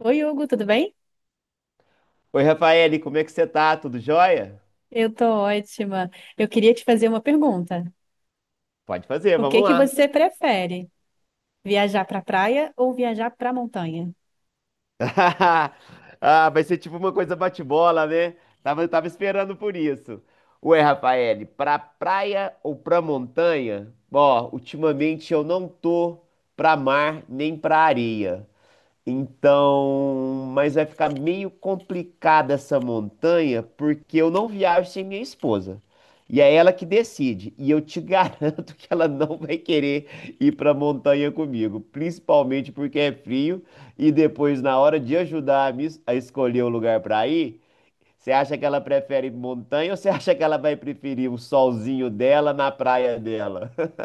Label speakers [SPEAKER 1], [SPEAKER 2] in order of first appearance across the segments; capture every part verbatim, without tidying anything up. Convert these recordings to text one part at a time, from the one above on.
[SPEAKER 1] Oi, Hugo, tudo bem?
[SPEAKER 2] Oi, Rafaele, como é que você tá? Tudo jóia?
[SPEAKER 1] Eu tô ótima. Eu queria te fazer uma pergunta.
[SPEAKER 2] Pode fazer,
[SPEAKER 1] O que
[SPEAKER 2] vamos
[SPEAKER 1] que
[SPEAKER 2] lá.
[SPEAKER 1] você prefere? Viajar para praia ou viajar para montanha?
[SPEAKER 2] Ah, vai ser tipo uma coisa bate-bola, né? Tava, tava esperando por isso. Ué, Rafaele, pra praia ou pra montanha? Ó, ultimamente eu não tô pra mar nem pra areia. Então, mas vai ficar meio complicada essa montanha, porque eu não viajo sem minha esposa. E é ela que decide. E eu te garanto que ela não vai querer ir para a montanha comigo, principalmente porque é frio. E depois, na hora de ajudar a me es- a escolher o lugar para ir, você acha que ela prefere montanha ou você acha que ela vai preferir o solzinho dela na praia dela?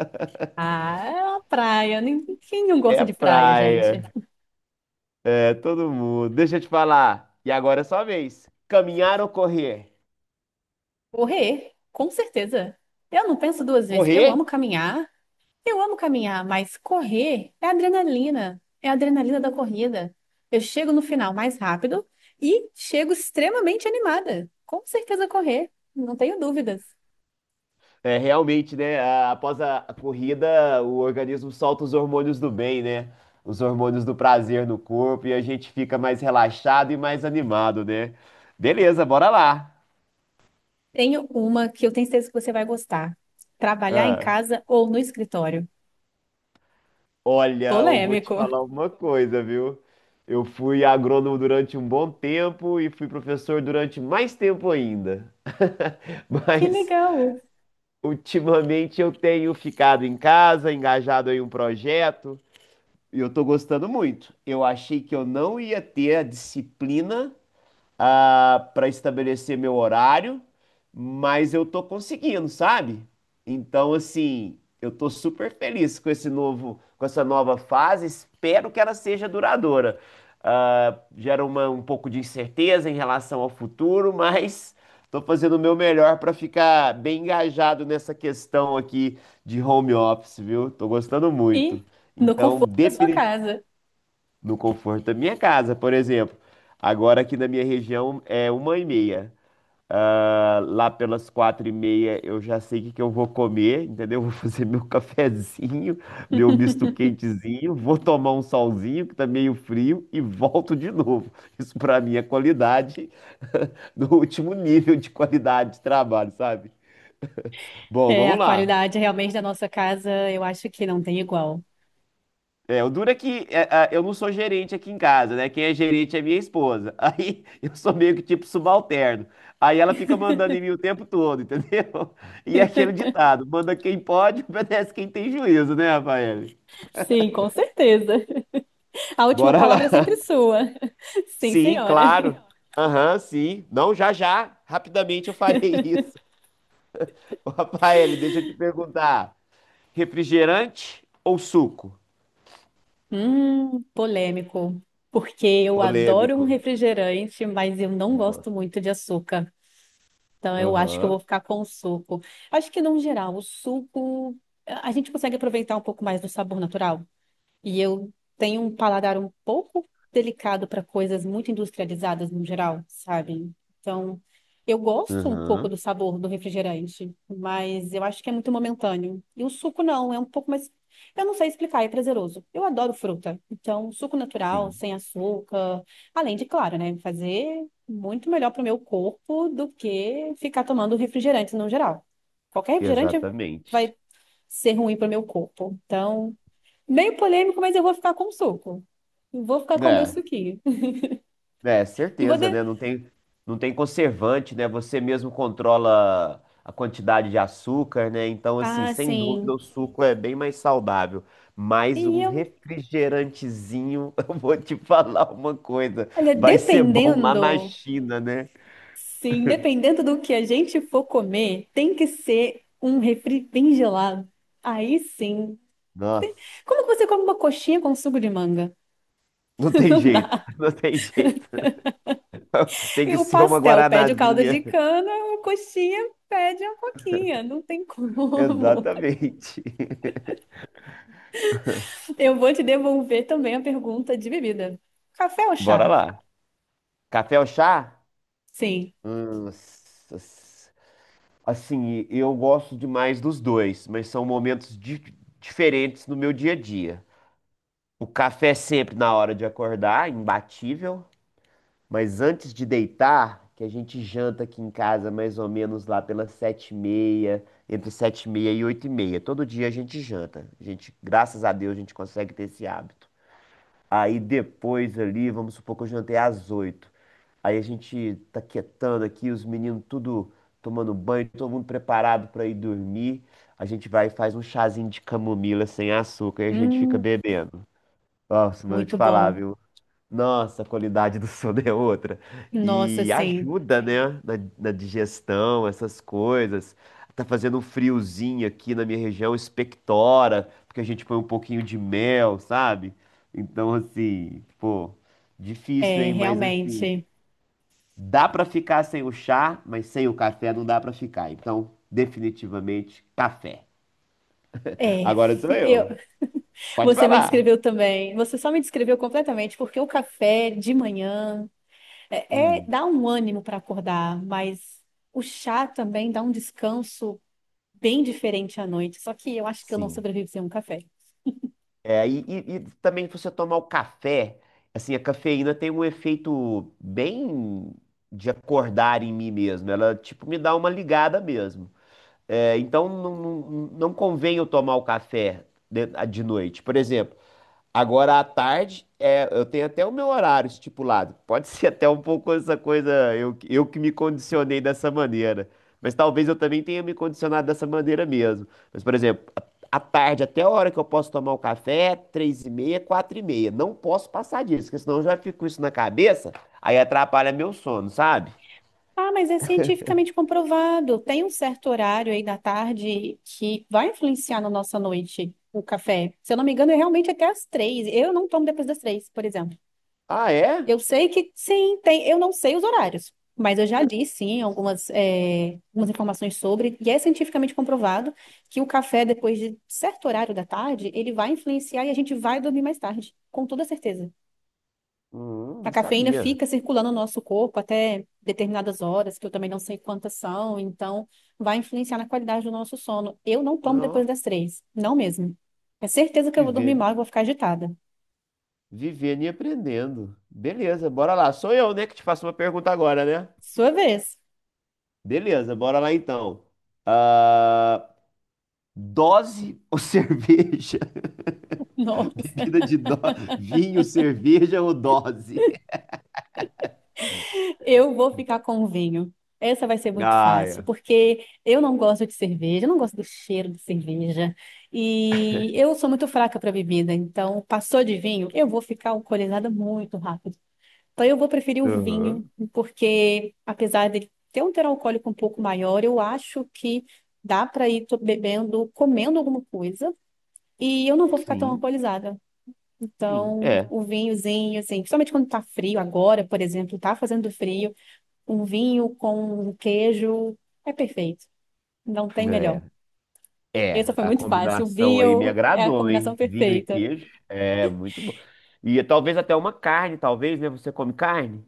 [SPEAKER 1] Ah, é uma praia. Nin- Quem não gosta
[SPEAKER 2] É
[SPEAKER 1] de praia, gente?
[SPEAKER 2] praia. É todo mundo. Deixa eu te falar. E agora é sua vez. Caminhar ou correr?
[SPEAKER 1] Correr, com certeza. Eu não penso duas vezes. Eu
[SPEAKER 2] Correr?
[SPEAKER 1] amo caminhar. Eu amo caminhar, mas correr é adrenalina. É a adrenalina da corrida. Eu chego no final mais rápido e chego extremamente animada. Com certeza correr, não tenho dúvidas.
[SPEAKER 2] É realmente, né? a- Após a a corrida, o organismo solta os hormônios do bem, né? Os hormônios do prazer no corpo e a gente fica mais relaxado e mais animado, né? Beleza, bora lá.
[SPEAKER 1] Tenho uma que eu tenho certeza que você vai gostar. Trabalhar em
[SPEAKER 2] Ah,
[SPEAKER 1] casa ou no escritório?
[SPEAKER 2] olha, eu vou te
[SPEAKER 1] Polêmico.
[SPEAKER 2] falar uma coisa, viu? Eu fui agrônomo durante um bom tempo e fui professor durante mais tempo ainda.
[SPEAKER 1] Que
[SPEAKER 2] Mas
[SPEAKER 1] legal.
[SPEAKER 2] ultimamente eu tenho ficado em casa, engajado em um projeto, e eu tô gostando muito. Eu achei que eu não ia ter a disciplina ah, para estabelecer meu horário, mas eu tô conseguindo, sabe? Então, assim, eu tô super feliz com esse novo, com essa nova fase. Espero que ela seja duradoura. Ah, gera uma, um pouco de incerteza em relação ao futuro, mas tô fazendo o meu melhor para ficar bem engajado nessa questão aqui de home office, viu? Tô gostando muito.
[SPEAKER 1] E no
[SPEAKER 2] Então,
[SPEAKER 1] conforto da sua casa.
[SPEAKER 2] no conforto da minha casa, por exemplo. Agora aqui na minha região é uma e meia. Ah, lá pelas quatro e meia eu já sei o que que eu vou comer, entendeu? Vou fazer meu cafezinho, meu misto quentezinho, vou tomar um solzinho que tá meio frio e volto de novo. Isso pra mim é qualidade no último nível de qualidade de trabalho, sabe? Bom,
[SPEAKER 1] É,
[SPEAKER 2] vamos
[SPEAKER 1] a
[SPEAKER 2] lá.
[SPEAKER 1] qualidade realmente da nossa casa, eu acho que não tem igual.
[SPEAKER 2] É, o duro é que é, a- eu não sou gerente aqui em casa, né? Quem é gerente é minha esposa. Aí eu sou meio que tipo subalterno. Aí ela fica mandando em mim o tempo todo, entendeu? E é aquele ditado: manda quem pode, obedece quem tem juízo, né, Rafael?
[SPEAKER 1] Sim, com certeza. A última
[SPEAKER 2] Bora lá.
[SPEAKER 1] palavra é sempre sua. Sim,
[SPEAKER 2] Sim,
[SPEAKER 1] senhora.
[SPEAKER 2] claro. Aham, sim. Não, já já. Rapidamente eu farei isso. Ô, Rafael, deixa eu te perguntar: refrigerante ou suco?
[SPEAKER 1] Hum, polêmico. Porque eu adoro um
[SPEAKER 2] Polêmico.
[SPEAKER 1] refrigerante, mas eu não gosto muito de açúcar. Então, eu acho que eu
[SPEAKER 2] Aham.
[SPEAKER 1] vou ficar com o suco. Acho que, no geral, o suco, a gente consegue aproveitar um pouco mais do sabor natural. E eu tenho um paladar um pouco delicado para coisas muito industrializadas no geral, sabe? Então, eu gosto um pouco
[SPEAKER 2] Aham.
[SPEAKER 1] do sabor do refrigerante, mas eu acho que é muito momentâneo. E o suco não, é um pouco mais. Eu não sei explicar, é prazeroso. Eu adoro fruta. Então, suco natural,
[SPEAKER 2] Sim,
[SPEAKER 1] sem açúcar. Além de, claro, né, fazer muito melhor para o meu corpo do que ficar tomando refrigerante no geral. Qualquer refrigerante vai
[SPEAKER 2] exatamente.
[SPEAKER 1] ser ruim para o meu corpo. Então. Meio polêmico, mas eu vou ficar com o suco. Eu vou ficar com o meu
[SPEAKER 2] É,
[SPEAKER 1] suquinho.
[SPEAKER 2] é,
[SPEAKER 1] E vou de...
[SPEAKER 2] certeza, né? Não tem, não tem conservante, né? Você mesmo controla a quantidade de açúcar, né? Então, assim,
[SPEAKER 1] Ah,
[SPEAKER 2] sem dúvida,
[SPEAKER 1] sim.
[SPEAKER 2] o suco é bem mais saudável.
[SPEAKER 1] E
[SPEAKER 2] Mas um
[SPEAKER 1] eu,
[SPEAKER 2] refrigerantezinho, eu vou te falar uma coisa,
[SPEAKER 1] olha,
[SPEAKER 2] vai ser bom lá na
[SPEAKER 1] dependendo,
[SPEAKER 2] China, né?
[SPEAKER 1] sim, dependendo do que a gente for comer, tem que ser um refri bem gelado. Aí sim.
[SPEAKER 2] Nossa,
[SPEAKER 1] Como que você come uma coxinha com suco de manga?
[SPEAKER 2] não tem
[SPEAKER 1] Não
[SPEAKER 2] jeito,
[SPEAKER 1] dá.
[SPEAKER 2] não tem jeito. Tem
[SPEAKER 1] E
[SPEAKER 2] que
[SPEAKER 1] o
[SPEAKER 2] ser uma
[SPEAKER 1] pastel pede o caldo
[SPEAKER 2] guaranazinha.
[SPEAKER 1] de cana, a coxinha pede a coquinha. Não tem como.
[SPEAKER 2] Exatamente.
[SPEAKER 1] Eu vou te devolver também a pergunta de bebida. Café ou
[SPEAKER 2] Bora
[SPEAKER 1] chá?
[SPEAKER 2] lá. Café ou chá?
[SPEAKER 1] Sim.
[SPEAKER 2] Hum, s- s- Assim, eu gosto demais dos dois, mas são momentos di- diferentes no meu dia a dia. O café é sempre na hora de acordar, imbatível, mas antes de deitar, que a gente janta aqui em casa mais ou menos lá pelas sete e meia, entre sete e meia e oito e meia. Todo dia a gente janta. A gente, graças a Deus, a gente consegue ter esse hábito. Aí depois ali, vamos supor que eu jantei às oito. Aí a gente tá quietando aqui, os meninos tudo tomando banho, todo mundo preparado pra ir dormir. A gente vai e faz um chazinho de camomila sem açúcar e a gente
[SPEAKER 1] Hum,
[SPEAKER 2] fica bebendo. Nossa, mas eu te
[SPEAKER 1] muito
[SPEAKER 2] falar,
[SPEAKER 1] bom.
[SPEAKER 2] viu? Nossa, a qualidade do sono é outra.
[SPEAKER 1] Nossa,
[SPEAKER 2] E
[SPEAKER 1] sim,
[SPEAKER 2] ajuda, né? Na, na digestão, essas coisas. Tá fazendo um friozinho aqui na minha região, expectora, porque a gente põe um pouquinho de mel, sabe? Então, assim, pô, difícil,
[SPEAKER 1] é,
[SPEAKER 2] hein? Mas assim.
[SPEAKER 1] realmente.
[SPEAKER 2] Dá para ficar sem o chá, mas sem o café não dá para ficar. Então, definitivamente, café.
[SPEAKER 1] É,
[SPEAKER 2] Agora sou
[SPEAKER 1] eu,
[SPEAKER 2] eu. Pode
[SPEAKER 1] você me
[SPEAKER 2] falar.
[SPEAKER 1] descreveu também. Você só me descreveu completamente, porque o café de manhã é, é-
[SPEAKER 2] Hum,
[SPEAKER 1] dá um ânimo para acordar, mas o chá também dá um descanso bem diferente à noite. Só que eu acho que eu não
[SPEAKER 2] sim.
[SPEAKER 1] sobrevivo sem um café.
[SPEAKER 2] É, e, e- e também você tomar o café, assim, a cafeína tem um efeito bem de acordar em mim mesmo. Ela, tipo, me dá uma ligada mesmo. É, então, não, não, não convém eu tomar o café de, de noite. Por exemplo, agora à tarde, é, eu tenho até o meu horário estipulado. Pode ser até um pouco essa coisa, eu, eu que me condicionei dessa maneira. Mas talvez eu também tenha me condicionado dessa maneira mesmo. Mas, por exemplo, à à tarde, até a hora que eu posso tomar o café, três e meia, quatro e meia. Não posso passar disso, porque senão eu já fico com isso na cabeça, aí atrapalha meu sono, sabe?
[SPEAKER 1] Ah, mas é cientificamente comprovado. Tem um certo horário aí da tarde que vai influenciar na nossa noite o café. Se eu não me engano, é realmente até às três. Eu não tomo depois das três, por exemplo.
[SPEAKER 2] Ah, é?
[SPEAKER 1] Eu sei que sim, tem. Eu não sei os horários, mas eu já li sim algumas, eh, algumas informações sobre, e é cientificamente comprovado que o café, depois de certo horário da tarde, ele vai influenciar e a gente vai dormir mais tarde, com toda certeza.
[SPEAKER 2] Hum,
[SPEAKER 1] A
[SPEAKER 2] não
[SPEAKER 1] cafeína
[SPEAKER 2] sabia.
[SPEAKER 1] fica circulando no nosso corpo até determinadas horas, que eu também não sei quantas são, então vai influenciar na qualidade do nosso sono. Eu não tomo depois
[SPEAKER 2] Não,
[SPEAKER 1] das três, não mesmo. É certeza que eu vou dormir
[SPEAKER 2] vivendo,
[SPEAKER 1] mal e vou ficar agitada.
[SPEAKER 2] vivendo e aprendendo. Beleza, bora lá. Sou eu, né, que te faço uma pergunta agora, né?
[SPEAKER 1] Sua vez.
[SPEAKER 2] Beleza, bora lá então. Ah, dose ou cerveja?
[SPEAKER 1] Nossa.
[SPEAKER 2] Bebida de do... Vinho, cerveja ou dose?
[SPEAKER 1] Eu vou ficar com o vinho. Essa vai ser muito
[SPEAKER 2] Ah,
[SPEAKER 1] fácil,
[SPEAKER 2] é.
[SPEAKER 1] porque eu não gosto de cerveja, eu não gosto do cheiro de cerveja. E eu sou muito fraca para bebida, então passou de vinho, eu vou ficar alcoolizada muito rápido. Então eu vou preferir o vinho,
[SPEAKER 2] Aham.
[SPEAKER 1] porque apesar dele ter um teor alcoólico um pouco maior, eu acho que dá para ir to- bebendo, comendo alguma coisa, e eu não vou ficar tão
[SPEAKER 2] Sim,
[SPEAKER 1] alcoolizada.
[SPEAKER 2] sim.
[SPEAKER 1] Então,
[SPEAKER 2] É,
[SPEAKER 1] o vinhozinho, assim, principalmente quando tá frio agora, por exemplo, tá fazendo frio um vinho com um queijo. É perfeito. Não tem melhor.
[SPEAKER 2] é. É,
[SPEAKER 1] Essa foi
[SPEAKER 2] a
[SPEAKER 1] muito fácil. O
[SPEAKER 2] combinação aí me
[SPEAKER 1] vinho é a
[SPEAKER 2] agradou,
[SPEAKER 1] combinação
[SPEAKER 2] hein? Vinho e
[SPEAKER 1] perfeita.
[SPEAKER 2] queijo. É, muito bom. E talvez até uma carne, talvez, né? Você come carne?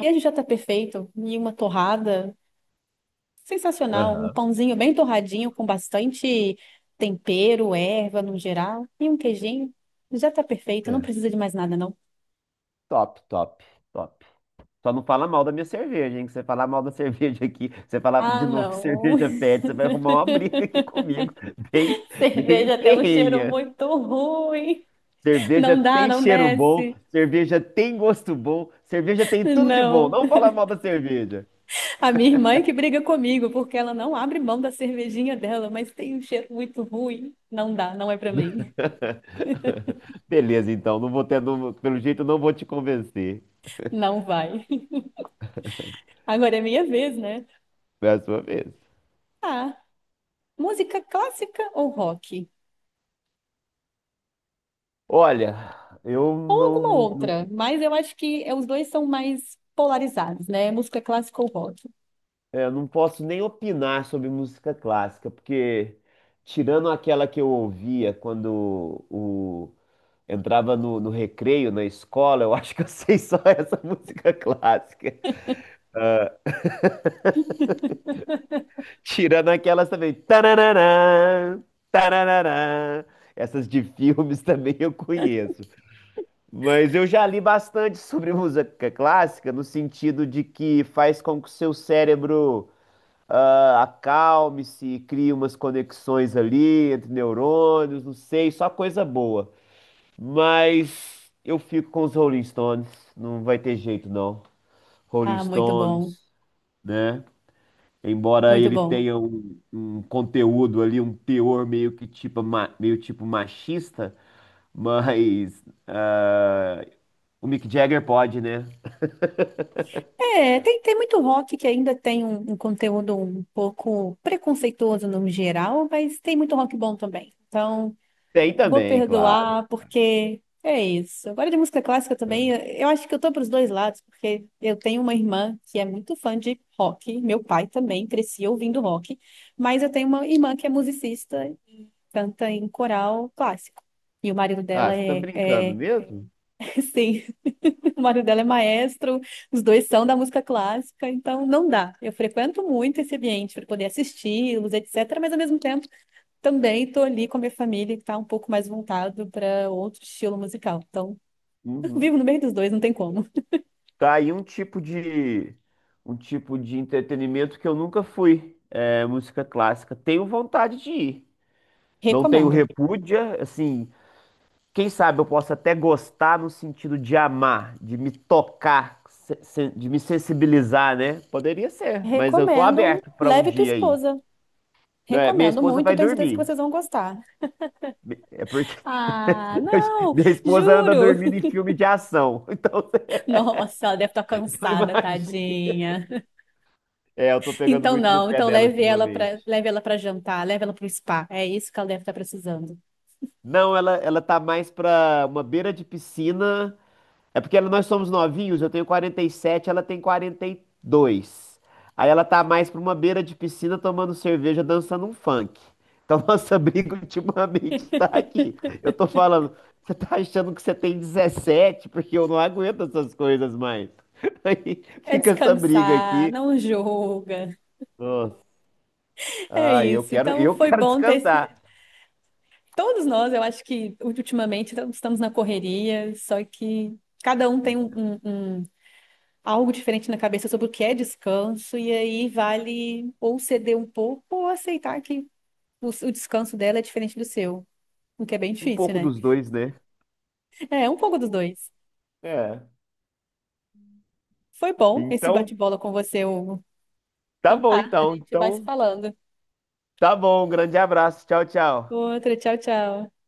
[SPEAKER 1] E a gente já tá perfeito. E uma torrada sensacional. Um
[SPEAKER 2] Aham.
[SPEAKER 1] pãozinho bem torradinho com bastante tempero, erva no geral. E um queijinho. Já tá perfeito. Não
[SPEAKER 2] É.
[SPEAKER 1] precisa de mais nada, não.
[SPEAKER 2] Top, top, top. Só não fala mal da minha cerveja, hein? Que você falar mal da cerveja aqui, você falar
[SPEAKER 1] Ah,
[SPEAKER 2] de novo que
[SPEAKER 1] não.
[SPEAKER 2] cerveja pede, você vai arrumar uma briga aqui comigo. Bem, bem
[SPEAKER 1] Cerveja tem um cheiro
[SPEAKER 2] ferrenha.
[SPEAKER 1] muito ruim.
[SPEAKER 2] Cerveja
[SPEAKER 1] Não dá,
[SPEAKER 2] tem
[SPEAKER 1] não
[SPEAKER 2] cheiro bom,
[SPEAKER 1] desce.
[SPEAKER 2] cerveja tem gosto bom, cerveja tem tudo de bom.
[SPEAKER 1] Não.
[SPEAKER 2] Não fala mal da cerveja.
[SPEAKER 1] A minha irmã é que briga comigo, porque ela não abre mão da cervejinha dela, mas tem um cheiro muito ruim. Não dá, não é pra mim.
[SPEAKER 2] Beleza, então. Não vou ter, não- Pelo jeito, não vou te convencer.
[SPEAKER 1] Não vai. Agora é minha vez, né?
[SPEAKER 2] É a sua vez.
[SPEAKER 1] Ah, música clássica ou rock?
[SPEAKER 2] Olha, eu
[SPEAKER 1] Ou alguma
[SPEAKER 2] não, não,
[SPEAKER 1] outra, mas eu acho que é- os dois são mais polarizados, né? Música clássica ou rock?
[SPEAKER 2] é, eu não posso nem opinar sobre música clássica, porque tirando aquela que eu ouvia quando o, entrava no, no recreio na escola, eu acho que eu sei só essa música clássica. Tirando aquelas também. Tarararã, tarararã. Essas de filmes também eu conheço. Mas eu já li bastante sobre música clássica, no sentido de que faz com que o seu cérebro. Ah, acalme-se, crie umas conexões ali entre neurônios, não sei, só coisa boa. Mas eu fico com os Rolling Stones, não vai ter jeito não. Rolling
[SPEAKER 1] Ah, muito
[SPEAKER 2] Stones,
[SPEAKER 1] bom,
[SPEAKER 2] né? Embora
[SPEAKER 1] muito
[SPEAKER 2] ele
[SPEAKER 1] bom.
[SPEAKER 2] tenha um, um conteúdo ali, um teor meio que tipo, ma- meio tipo machista, mas ah, o Mick Jagger pode, né?
[SPEAKER 1] É, tem, tem muito rock que ainda tem um, um conteúdo um pouco preconceituoso no geral, mas tem muito rock bom também. Então.
[SPEAKER 2] Tem
[SPEAKER 1] Vou
[SPEAKER 2] também, claro.
[SPEAKER 1] perdoar, porque é isso. Agora de música clássica também, eu acho que eu tô pros dois lados, porque eu tenho uma irmã que é muito fã de rock, meu pai também crescia ouvindo rock, mas eu tenho uma irmã que é musicista, canta em coral clássico. E o marido
[SPEAKER 2] Ah,
[SPEAKER 1] dela
[SPEAKER 2] você tá
[SPEAKER 1] é,
[SPEAKER 2] brincando
[SPEAKER 1] é
[SPEAKER 2] mesmo?
[SPEAKER 1] sim, o marido dela é maestro, os dois são da música clássica, então não dá. Eu frequento muito esse ambiente para poder assisti-los, et cetera, mas ao mesmo tempo também estou ali com a minha família, que está um pouco mais voltado para outro estilo musical. Então, eu
[SPEAKER 2] Uhum.
[SPEAKER 1] vivo no meio dos dois, não tem como.
[SPEAKER 2] Tá aí um tipo de um tipo de entretenimento que eu nunca fui, é, música clássica. Tenho vontade de ir. Não tenho
[SPEAKER 1] Recomendo.
[SPEAKER 2] repúdia, assim, quem sabe eu posso até gostar no sentido de amar, de me tocar, se- se- de me sensibilizar, né? Poderia ser, mas eu tô
[SPEAKER 1] Recomendo.
[SPEAKER 2] aberto para um
[SPEAKER 1] Leve tua
[SPEAKER 2] dia aí.
[SPEAKER 1] esposa.
[SPEAKER 2] É, minha
[SPEAKER 1] Recomendo
[SPEAKER 2] esposa
[SPEAKER 1] muito,
[SPEAKER 2] vai
[SPEAKER 1] tenho certeza que
[SPEAKER 2] dormir.
[SPEAKER 1] vocês vão gostar.
[SPEAKER 2] É porque
[SPEAKER 1] Ah, não,
[SPEAKER 2] minha esposa anda
[SPEAKER 1] juro.
[SPEAKER 2] dormindo em filme de ação. Então você
[SPEAKER 1] Nossa, ela deve estar
[SPEAKER 2] não
[SPEAKER 1] cansada,
[SPEAKER 2] imagina.
[SPEAKER 1] tadinha.
[SPEAKER 2] É, eu tô pegando
[SPEAKER 1] Então
[SPEAKER 2] muito no
[SPEAKER 1] não,
[SPEAKER 2] pé
[SPEAKER 1] então
[SPEAKER 2] dela
[SPEAKER 1] leve ela para,
[SPEAKER 2] ultimamente.
[SPEAKER 1] leve ela para jantar, leve ela para o spa. É isso que ela deve estar precisando.
[SPEAKER 2] Não, ela, ela tá mais pra uma beira de piscina. É porque ela- nós somos novinhos, eu tenho quarenta e sete, ela tem quarenta e dois. Aí ela tá mais pra uma beira de piscina tomando cerveja, dançando um funk. Então nossa briga ultimamente tá aqui. Eu tô falando, você tá achando que você tem dezessete? Porque eu não aguento essas coisas mais. Aí
[SPEAKER 1] É
[SPEAKER 2] fica essa briga
[SPEAKER 1] descansar,
[SPEAKER 2] aqui.
[SPEAKER 1] não julga.
[SPEAKER 2] Nossa.
[SPEAKER 1] É
[SPEAKER 2] Ai, eu
[SPEAKER 1] isso.
[SPEAKER 2] quero,
[SPEAKER 1] Então
[SPEAKER 2] eu
[SPEAKER 1] foi
[SPEAKER 2] quero
[SPEAKER 1] bom ter
[SPEAKER 2] descansar.
[SPEAKER 1] Todos nós, eu acho que ultimamente estamos na correria, só que cada um tem um, um- um- algo diferente na cabeça sobre o que é descanso, e aí vale ou ceder um pouco ou aceitar que o, o descanso dela é diferente do seu, o que é bem
[SPEAKER 2] Um
[SPEAKER 1] difícil,
[SPEAKER 2] pouco
[SPEAKER 1] né?
[SPEAKER 2] dos dois, né?
[SPEAKER 1] É um pouco dos dois.
[SPEAKER 2] É.
[SPEAKER 1] Foi bom esse
[SPEAKER 2] Então.
[SPEAKER 1] bate-bola com você, Hugo.
[SPEAKER 2] Tá
[SPEAKER 1] Então
[SPEAKER 2] bom,
[SPEAKER 1] tá, a
[SPEAKER 2] então.
[SPEAKER 1] gente vai se
[SPEAKER 2] Então,
[SPEAKER 1] falando.
[SPEAKER 2] tá bom. Um grande abraço. Tchau, tchau.
[SPEAKER 1] Outra, tchau, tchau.